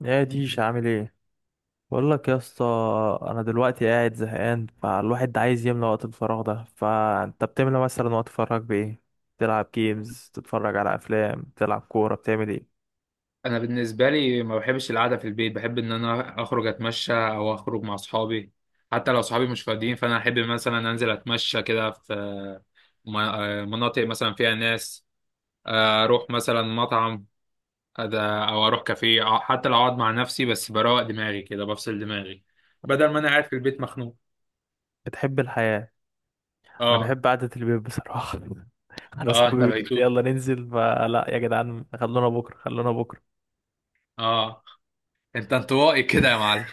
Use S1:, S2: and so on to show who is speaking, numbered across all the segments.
S1: يا ديش عامل ايه؟ بقول لك يا اسطى، انا دلوقتي قاعد زهقان، فالواحد عايز يملى وقت الفراغ ده، فانت بتملى مثلا وقت فراغك بايه؟ تلعب جيمز، تتفرج على افلام، تلعب كوره، بتعمل ايه؟
S2: انا بالنسبه لي ما بحبش القعده في البيت. بحب ان انا اخرج اتمشى او اخرج مع اصحابي. حتى لو اصحابي مش فاضيين فانا احب مثلا انزل اتمشى كده في مناطق مثلا فيها ناس. اروح مثلا مطعم. أد- او اروح كافيه، أو حتى لو اقعد مع نفسي بس بروق دماغي كده بفصل دماغي بدل ما انا قاعد في البيت مخنوق.
S1: بتحب الحياه؟ انا
S2: اه.
S1: بحب قعده البيت بصراحه. انا
S2: اه،
S1: اصحابي
S2: انت
S1: بيقولوا لي
S2: بيتوت.
S1: يلا ننزل، فلا يا جدعان، خلونا بكره خلونا بكره.
S2: اه، انت انطوائي كده يا معلم.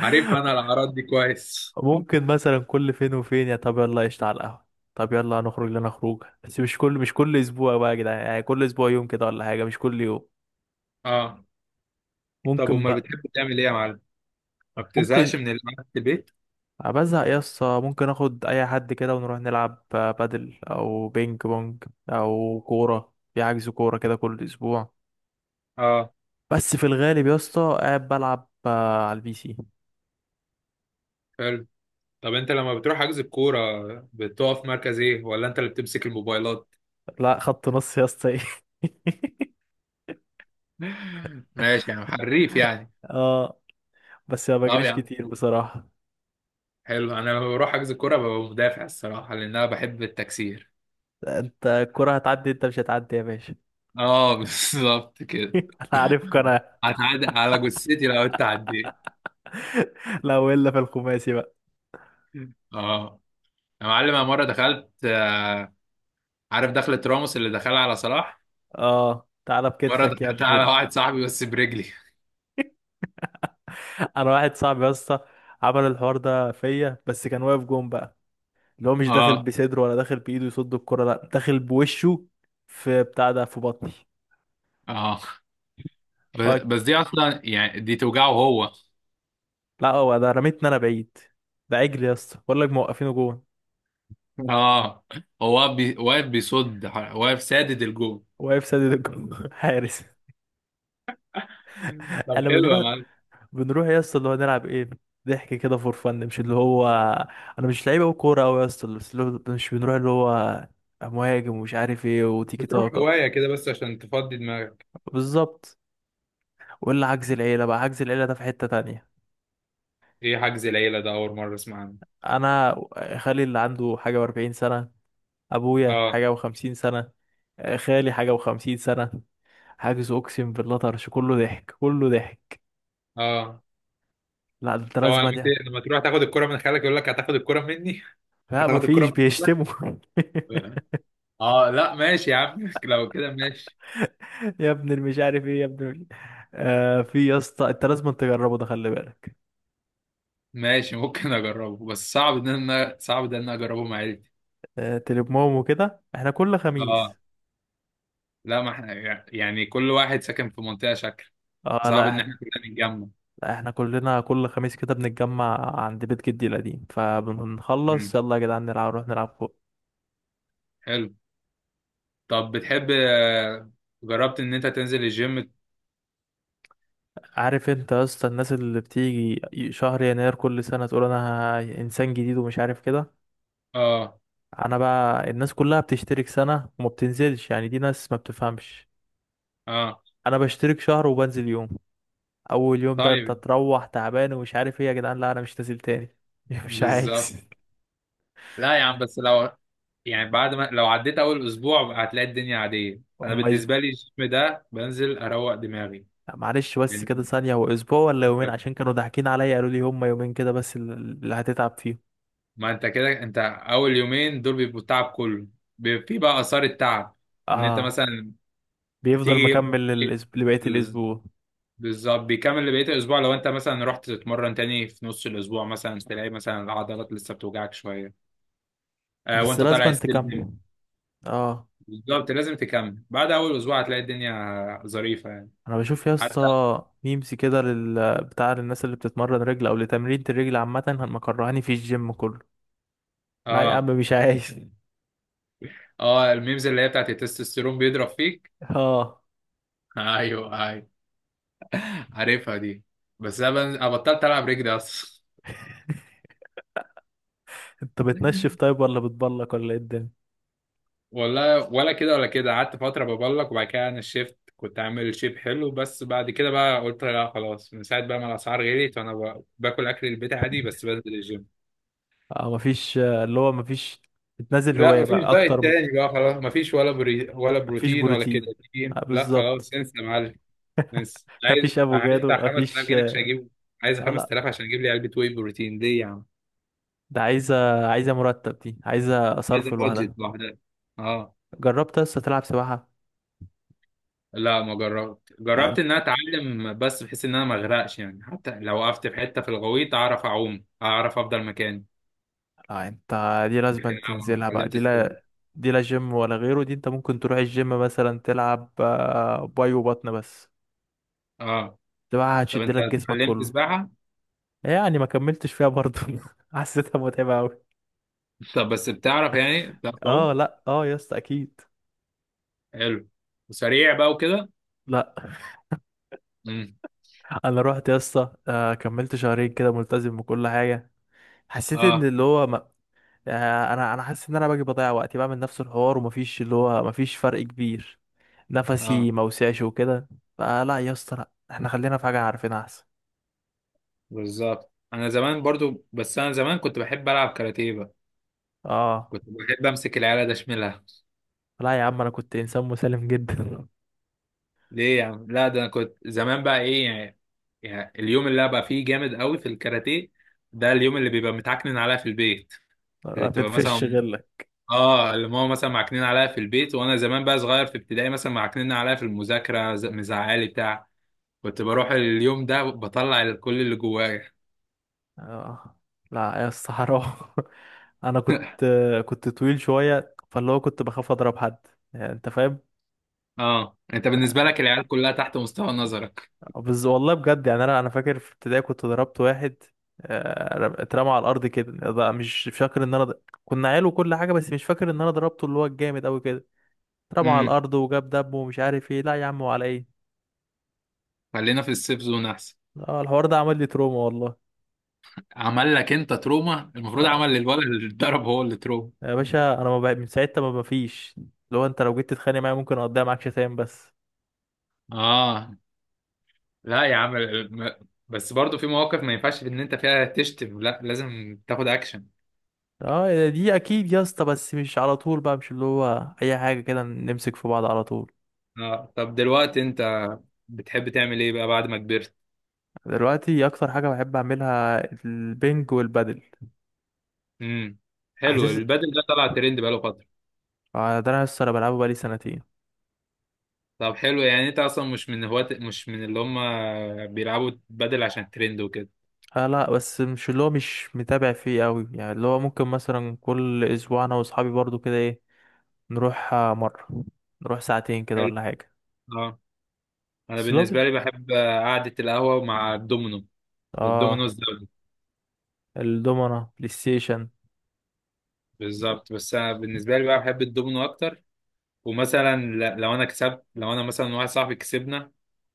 S2: عارف انا الاعراض دي كويس.
S1: ممكن مثلا كل فين وفين يا طب يلا قشطة على القهوة. طب يلا هنخرج لنا خروجه، بس مش كل اسبوع بقى يا جدعان، يعني كل اسبوع يوم كده ولا حاجة، مش كل يوم.
S2: اه. طب
S1: ممكن
S2: امال
S1: بقى.
S2: بتحب تعمل ايه يا معلم؟ ما
S1: ممكن.
S2: بتزهقش من القعده في البيت؟
S1: بزهق يا اسطى، ممكن اخد اي حد كده ونروح نلعب بادل او بينج بونج، او كورة في حجز كورة كده كل اسبوع.
S2: اه.
S1: بس في الغالب يا اسطى قاعد بلعب على البي سي.
S2: حلو. طب انت لما بتروح حجز الكوره، بتقف في مركز ايه ولا انت اللي بتمسك الموبايلات؟
S1: لا خط نص يا اسطى ايه.
S2: ماشي يا عم، حريف يعني.
S1: اه بس ما
S2: طب يا
S1: بجريش
S2: عم،
S1: كتير بصراحة.
S2: حلو. انا لما بروح حجز الكوره ببقى مدافع الصراحه، لان انا بحب التكسير.
S1: انت الكرة هتعدي، انت مش هتعدي يا باشا.
S2: اه بالظبط كده.
S1: انا عارفك انا.
S2: هتعدي على جثتي لو انت عديت.
S1: لو الا في الخماسي بقى.
S2: اه يا معلم، انا مره دخلت، عارف دخلة راموس اللي دخلها على صلاح؟
S1: اه تعالى
S2: مره
S1: بكتفك يا
S2: دخلتها
S1: ابن
S2: على
S1: ال...
S2: واحد صاحبي بس برجلي.
S1: انا واحد صاحبي يا اسطى عمل الحوار ده فيا، بس كان واقف جون بقى. اللي هو مش داخل
S2: اه.
S1: بصدره ولا داخل بايده يصد الكرة، لا داخل بوشه، في بتاع ده في بطني.
S2: اه،
S1: آه،
S2: بس دي اصلا يعني دي توجعه هو
S1: لا هو ده رميتني انا بعيد. ده عجل يا اسطى، بقول لك موقفينه جون.
S2: اه. هو واقف واقف بيصد. واقف سادد الجو.
S1: واقف سدد الجون حارس.
S2: طب
S1: انا
S2: حلو يا
S1: بنروح
S2: معلم.
S1: بنروح يا اسطى اللي هو نلعب ايه. ضحك كده فور فن، مش اللي هو انا مش لعيب او كوره او يا اسطى، بس اللي هو مش بنروح اللي هو مهاجم ومش عارف ايه وتيكي
S2: بتروح
S1: تاكا.
S2: هواية كده بس عشان تفضي دماغك.
S1: بالظبط. ولا عجز العيله بقى، عجز العيله ده في حته تانية.
S2: ايه حجز العيلة ده؟ أول مرة أسمع عنه.
S1: انا خالي اللي عنده حاجه و40 سنه، ابويا
S2: اه.
S1: حاجه و50 سنه، خالي حاجه و50 سنه. حاجز، اقسم بالله، طرش، كله ضحك كله ضحك.
S2: اه،
S1: لا ده انت
S2: طبعا
S1: لازم
S2: لما
S1: يعني.
S2: لما تروح تاخد الكرة من خالك يقول لك: هتاخد الكرة مني؟
S1: لا
S2: هتاخد الكرة
S1: مفيش،
S2: من
S1: بيشتموا.
S2: خالك. اه، لا ماشي يا عم لو كده ماشي.
S1: يا ابن المش عارف ايه يا ابن المش... آه في يا اسطى، انت لازم تجربه ده، خلي بالك.
S2: ماشي، ممكن اجربه، بس صعب ان انا، صعب ده ان انا اجربه مع عيلتي.
S1: آه تليموم وكده، احنا كل
S2: اه.
S1: خميس.
S2: لا ما احنا، يعني كل واحد ساكن في منطقة شكل.
S1: اه
S2: صعب
S1: لا
S2: ان احنا
S1: احنا.
S2: كلنا نتجمع.
S1: لا احنا كلنا كل خميس كده بنتجمع عند بيت جدي القديم، فبنخلص
S2: امم.
S1: يلا يا جدعان نلعب، نروح نلعب فوق.
S2: حلو. طب بتحب جربت ان انت تنزل الجيم؟
S1: عارف انت يا اسطى الناس اللي بتيجي شهر يناير كل سنة تقول انا انسان جديد ومش عارف كده.
S2: اه.
S1: انا بقى الناس كلها بتشترك سنة وما بتنزلش، يعني دي ناس ما بتفهمش.
S2: اه.
S1: انا بشترك شهر وبنزل يوم. اول يوم ده انت
S2: طيب.
S1: تروح تعبان، ومش عارف ايه يا جدعان، لا انا مش نازل تاني. مش
S2: بالظبط.
S1: عايز.
S2: لا يا عم، بس لو، يعني بعد ما لو عديت اول اسبوع هتلاقي الدنيا عاديه. انا
S1: هم اسبوع.
S2: بالنسبه لي الجيم ده بنزل اروق دماغي.
S1: لا، معلش بس
S2: لأن-
S1: كده ثانية، هو اسبوع ولا يومين؟ عشان كانوا ضاحكين عليا قالوا لي هم يومين كده بس اللي هتتعب فيهم.
S2: ما انت كده، انت اول يومين دول بيبقوا التعب كله. بيبقى في بقى اثار التعب ان انت
S1: اه
S2: مثلا
S1: بيفضل
S2: تيجي.
S1: مكمل لبقية الاسبوع.
S2: بالظبط، بيكمل بقية الأسبوع. لو أنت مثلا رحت تتمرن تاني في نص الأسبوع مثلا، تلاقي مثلا العضلات لسه بتوجعك شوية. آه،
S1: بس
S2: وأنت طالع
S1: لازم
S2: السلم.
S1: تكمل. اه
S2: بالظبط، لازم تكمل. بعد أول أسبوع هتلاقي الدنيا ظريفة يعني.
S1: انا بشوف يا
S2: حتى.
S1: اسطى ميمز كده بتاع للناس اللي بتتمرن رجل او لتمرين الرجل عامة، مكرهاني في الجيم كله. لا يا عم
S2: آه.
S1: مش عايز.
S2: آه، الميمز اللي هي بتاعت التستوستيرون بيضرب فيك.
S1: اه
S2: أيوه أيوه، عارفها دي. بس أنا بطلت ألعب رجلي أصلا.
S1: انت بتنشف طيب ولا بتبلك ولا ايه الدنيا؟
S2: والله ولا كده ولا كده. قعدت فترة ببلك، وبعد كده انا الشيفت كنت عامل شيب حلو. بس بعد كده بقى قلت لا خلاص، من ساعة بقى ما الأسعار غليت وأنا باكل أكل البيت عادي بس بنزل الجيم.
S1: اه مفيش، اللي هو مفيش، بتنزل
S2: لا،
S1: هواية
S2: مفيش
S1: بقى
S2: دايت
S1: اكتر
S2: تاني بقى خلاص. مفيش ولا بري ولا
S1: مفيش
S2: بروتين ولا
S1: بروتين. آه
S2: كرياتين. لا
S1: بالظبط.
S2: خلاص، انسى يا معلم. انسى. عايز
S1: مفيش
S2: عايز
S1: افوكادو،
S2: بتاع 5000
S1: مفيش
S2: جنيه عشان
S1: آه
S2: أجيب. عايز
S1: آه، لا
S2: 5000 عشان أجيب لي علبة واي بروتين دي يا عم.
S1: ده عايزة مرتب، دي عايزة
S2: عايز
S1: صرف لوحدها.
S2: البادجت لوحدها. اه.
S1: جربت لسه تلعب سباحة؟
S2: لا ما جربت.
S1: لا
S2: جربت
S1: انت،
S2: ان انا اتعلم بس بحيث ان انا ما اغرقش يعني، حتى لو وقفت في حته في الغويط اعرف اعوم، اعرف افضل مكاني.
S1: لا انت، دي لازم
S2: لكن انا ما
S1: تنزلها بقى دي،
S2: اتعلمتش سباحه.
S1: لا. دي لا جيم ولا غيره، دي انت ممكن تروح الجيم مثلا تلعب باي وبطن بس.
S2: اه.
S1: سباحة
S2: طب
S1: هتشد
S2: انت
S1: لك جسمك
S2: اتعلمت
S1: كله.
S2: سباحه؟
S1: يعني ما كملتش فيها برضه. حسيتها متعبة قوي.
S2: طب بس بتعرف يعني، بتعرف
S1: اه
S2: تعوم؟
S1: لا، اه يا اسطى اكيد.
S2: حلو. وسريع بقى وكده؟
S1: لا.
S2: امم.
S1: انا رحت يا اسطى كملت شهرين كده ملتزم بكل حاجه. حسيت ان
S2: اه.
S1: اللي هو ما... انا حاسس ان انا باجي بضيع وقتي بعمل نفس الحوار، ومفيش اللي هو مفيش فرق كبير. نفسي
S2: اه،
S1: ما وسعش وكده. فلا يا اسطى، لا احنا خلينا في حاجه عارفينها احسن.
S2: بالظبط. انا زمان برضو، بس انا زمان كنت بحب العب كاراتيه بقى.
S1: اه.
S2: كنت بحب امسك العيال ده اشملها.
S1: لا يا عم انا كنت انسان مسالم جدا.
S2: ليه يا عم؟ لا ده انا كنت زمان بقى ايه يعني. يعني اليوم اللي ابقى فيه جامد قوي في الكاراتيه، ده اليوم اللي بيبقى متعكنن عليها في البيت. اللي
S1: ما
S2: بتبقى
S1: بتفش
S2: مثلا،
S1: غيرك.
S2: اه، اللي ماما مثلا معكنين عليها في البيت، وانا زمان بقى صغير في ابتدائي مثلا معكنين عليها في المذاكره، مزعلي بتاع. كنت بروح اليوم ده بطلع كل اللي جوايا.
S1: اه لا يا اسطى حرام. انا كنت، كنت طويل شويه، فاللي هو كنت بخاف اضرب حد. يعني انت فاهم.
S2: اه، انت بالنسبه لك العيال كلها تحت مستوى نظرك.
S1: بس والله بجد، يعني انا فاكر في ابتدائي كنت ضربت واحد. اترمى على الارض كده، ده مش فاكر ان انا كنا عيال وكل حاجه، بس مش فاكر ان انا ضربته اللي هو الجامد قوي كده. اترمى على
S2: امم.
S1: الارض وجاب دم ومش عارف ايه، لا يا عم وعلى ايه.
S2: خلينا في السيف زون احسن.
S1: اه الحوار ده عمل لي تروما والله.
S2: عمل لك انت تروما؟ المفروض
S1: اه
S2: عمل للولد اللي اتضرب هو اللي تروما.
S1: يا باشا انا ما بقى من ساعتها ما مفيش. لو جيت تتخانق معايا ممكن اقضيها معاك شتايم بس.
S2: اه. لا يا عم، بس برضو في مواقف ما ينفعش ان انت فيها تشتم، لا لازم تاخد اكشن.
S1: اه دي اكيد يا اسطى، بس مش على طول بقى، مش اللي هو اي حاجه كده نمسك في بعض على طول.
S2: اه. طب دلوقتي انت بتحب تعمل ايه بقى بعد ما كبرت؟
S1: دلوقتي اكتر حاجه بحب اعملها البنج والبادل.
S2: امم. حلو،
S1: عزيز.
S2: البدل ده طلع ترند بقاله فترة.
S1: ده انا لسه بلعبه بقالي سنتين.
S2: طب حلو، يعني انت اصلا مش من هواة، مش من اللي هم بيلعبوا بدل عشان ترند وكده.
S1: آه لا، بس مش اللي هو مش متابع فيه قوي، يعني اللي هو ممكن مثلا كل اسبوع انا واصحابي برضو كده ايه. نروح مرة، نروح ساعتين كده
S2: حلو.
S1: ولا حاجة.
S2: اه. انا
S1: بس لو بت-
S2: بالنسبة لي بحب قعدة القهوة مع الدومينو. الدومينو
S1: اه
S2: الزوجي.
S1: الدومنة بلاي ستيشن.
S2: بالظبط، بس انا بالنسبة لي بقى بحب الدومينو اكتر. ومثلا لو انا كسبت، لو انا مثلا واحد صاحبي كسبنا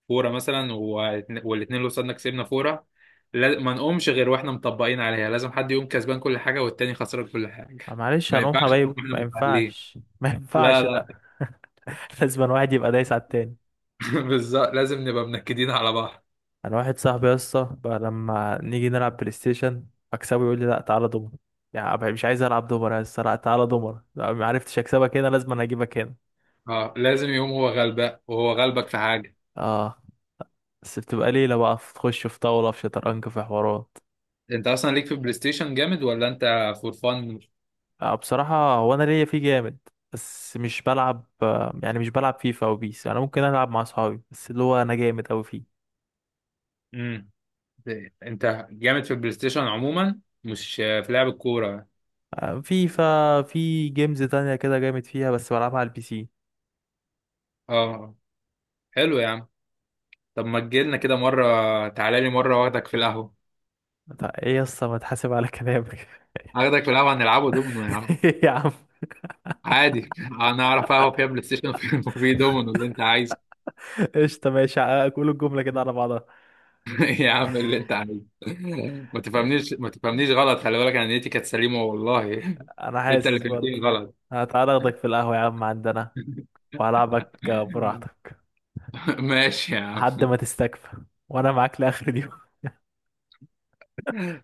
S2: فوره مثلا، والاتنين اللي قصادنا كسبنا فوره، ما نقومش غير واحنا مطبقين عليها. لازم حد يقوم كسبان كل حاجه والتاني خسران كل حاجه.
S1: معلش
S2: ما
S1: هنقوم
S2: ينفعش نقوم
S1: حبايب،
S2: احنا
S1: ما
S2: متعادلين.
S1: ينفعش، ما
S2: لا
S1: ينفعش، لا.
S2: لا.
S1: لازم واحد يبقى دايس على التاني.
S2: بالظبط، لازم نبقى منكدين على بعض.
S1: انا واحد صاحبي يا اسطى بقى لما نيجي نلعب بلاي ستيشن اكسبه يقول لي لا تعالى دومر. يعني أبقى مش عايز العب دومر يا اسطى، لا تعالى دومر، لا ما عرفتش اكسبك هنا لازم انا اجيبك هنا.
S2: اه، لازم يقوم هو غلبان وهو غلبك في حاجه.
S1: اه بس بتبقى ليله بقى، تخش في طاوله في شطرنج في حوارات.
S2: انت اصلا ليك في البلاي ستيشن جامد ولا انت فور فن؟
S1: آه بصراحه هو انا ليا فيه جامد. بس مش بلعب يعني مش بلعب فيفا وبيس، انا ممكن العب مع اصحابي، بس اللي هو انا جامد اوي فيه.
S2: امم. انت جامد في البلاي ستيشن عموما مش في لعب الكوره.
S1: فيفا في جيمز تانية كده جامد فيها، بس بلعبها على البي سي.
S2: اه. حلو يا عم. طب ما تجيلنا كده مرة، تعالى لي مرة واخدك في القهوة.
S1: طب ايه يا اسطى، ما تحاسب على كلامك.
S2: اخدك في القهوة هنلعبوا دومينو يا عم.
S1: يا عم.
S2: عادي انا اعرف قهوة فيها بلاي ستيشن وفي وفي دومينو اللي انت عايزه.
S1: قشطة ماشي. قول الجملة كده على بعضها.
S2: يا عم اللي انت عايزه. ما
S1: إيه،
S2: تفهمنيش، ما تفهمنيش غلط، خلي بالك انا نيتي كانت سليمة والله
S1: أنا
S2: انت اللي
S1: حاسس
S2: فهمتني
S1: برضه.
S2: غلط.
S1: هتعالى أخدك في القهوة يا عم عندنا، وهلعبك براحتك
S2: ماشي يا عم.
S1: لحد ما تستكفى، وأنا معاك لآخر اليوم.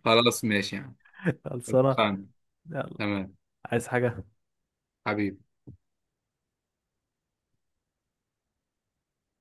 S2: خلاص ماشي يا عم.
S1: خلصانة.
S2: اتفقنا.
S1: يلا.
S2: تمام.
S1: عايز حاجة؟
S2: حبيبي.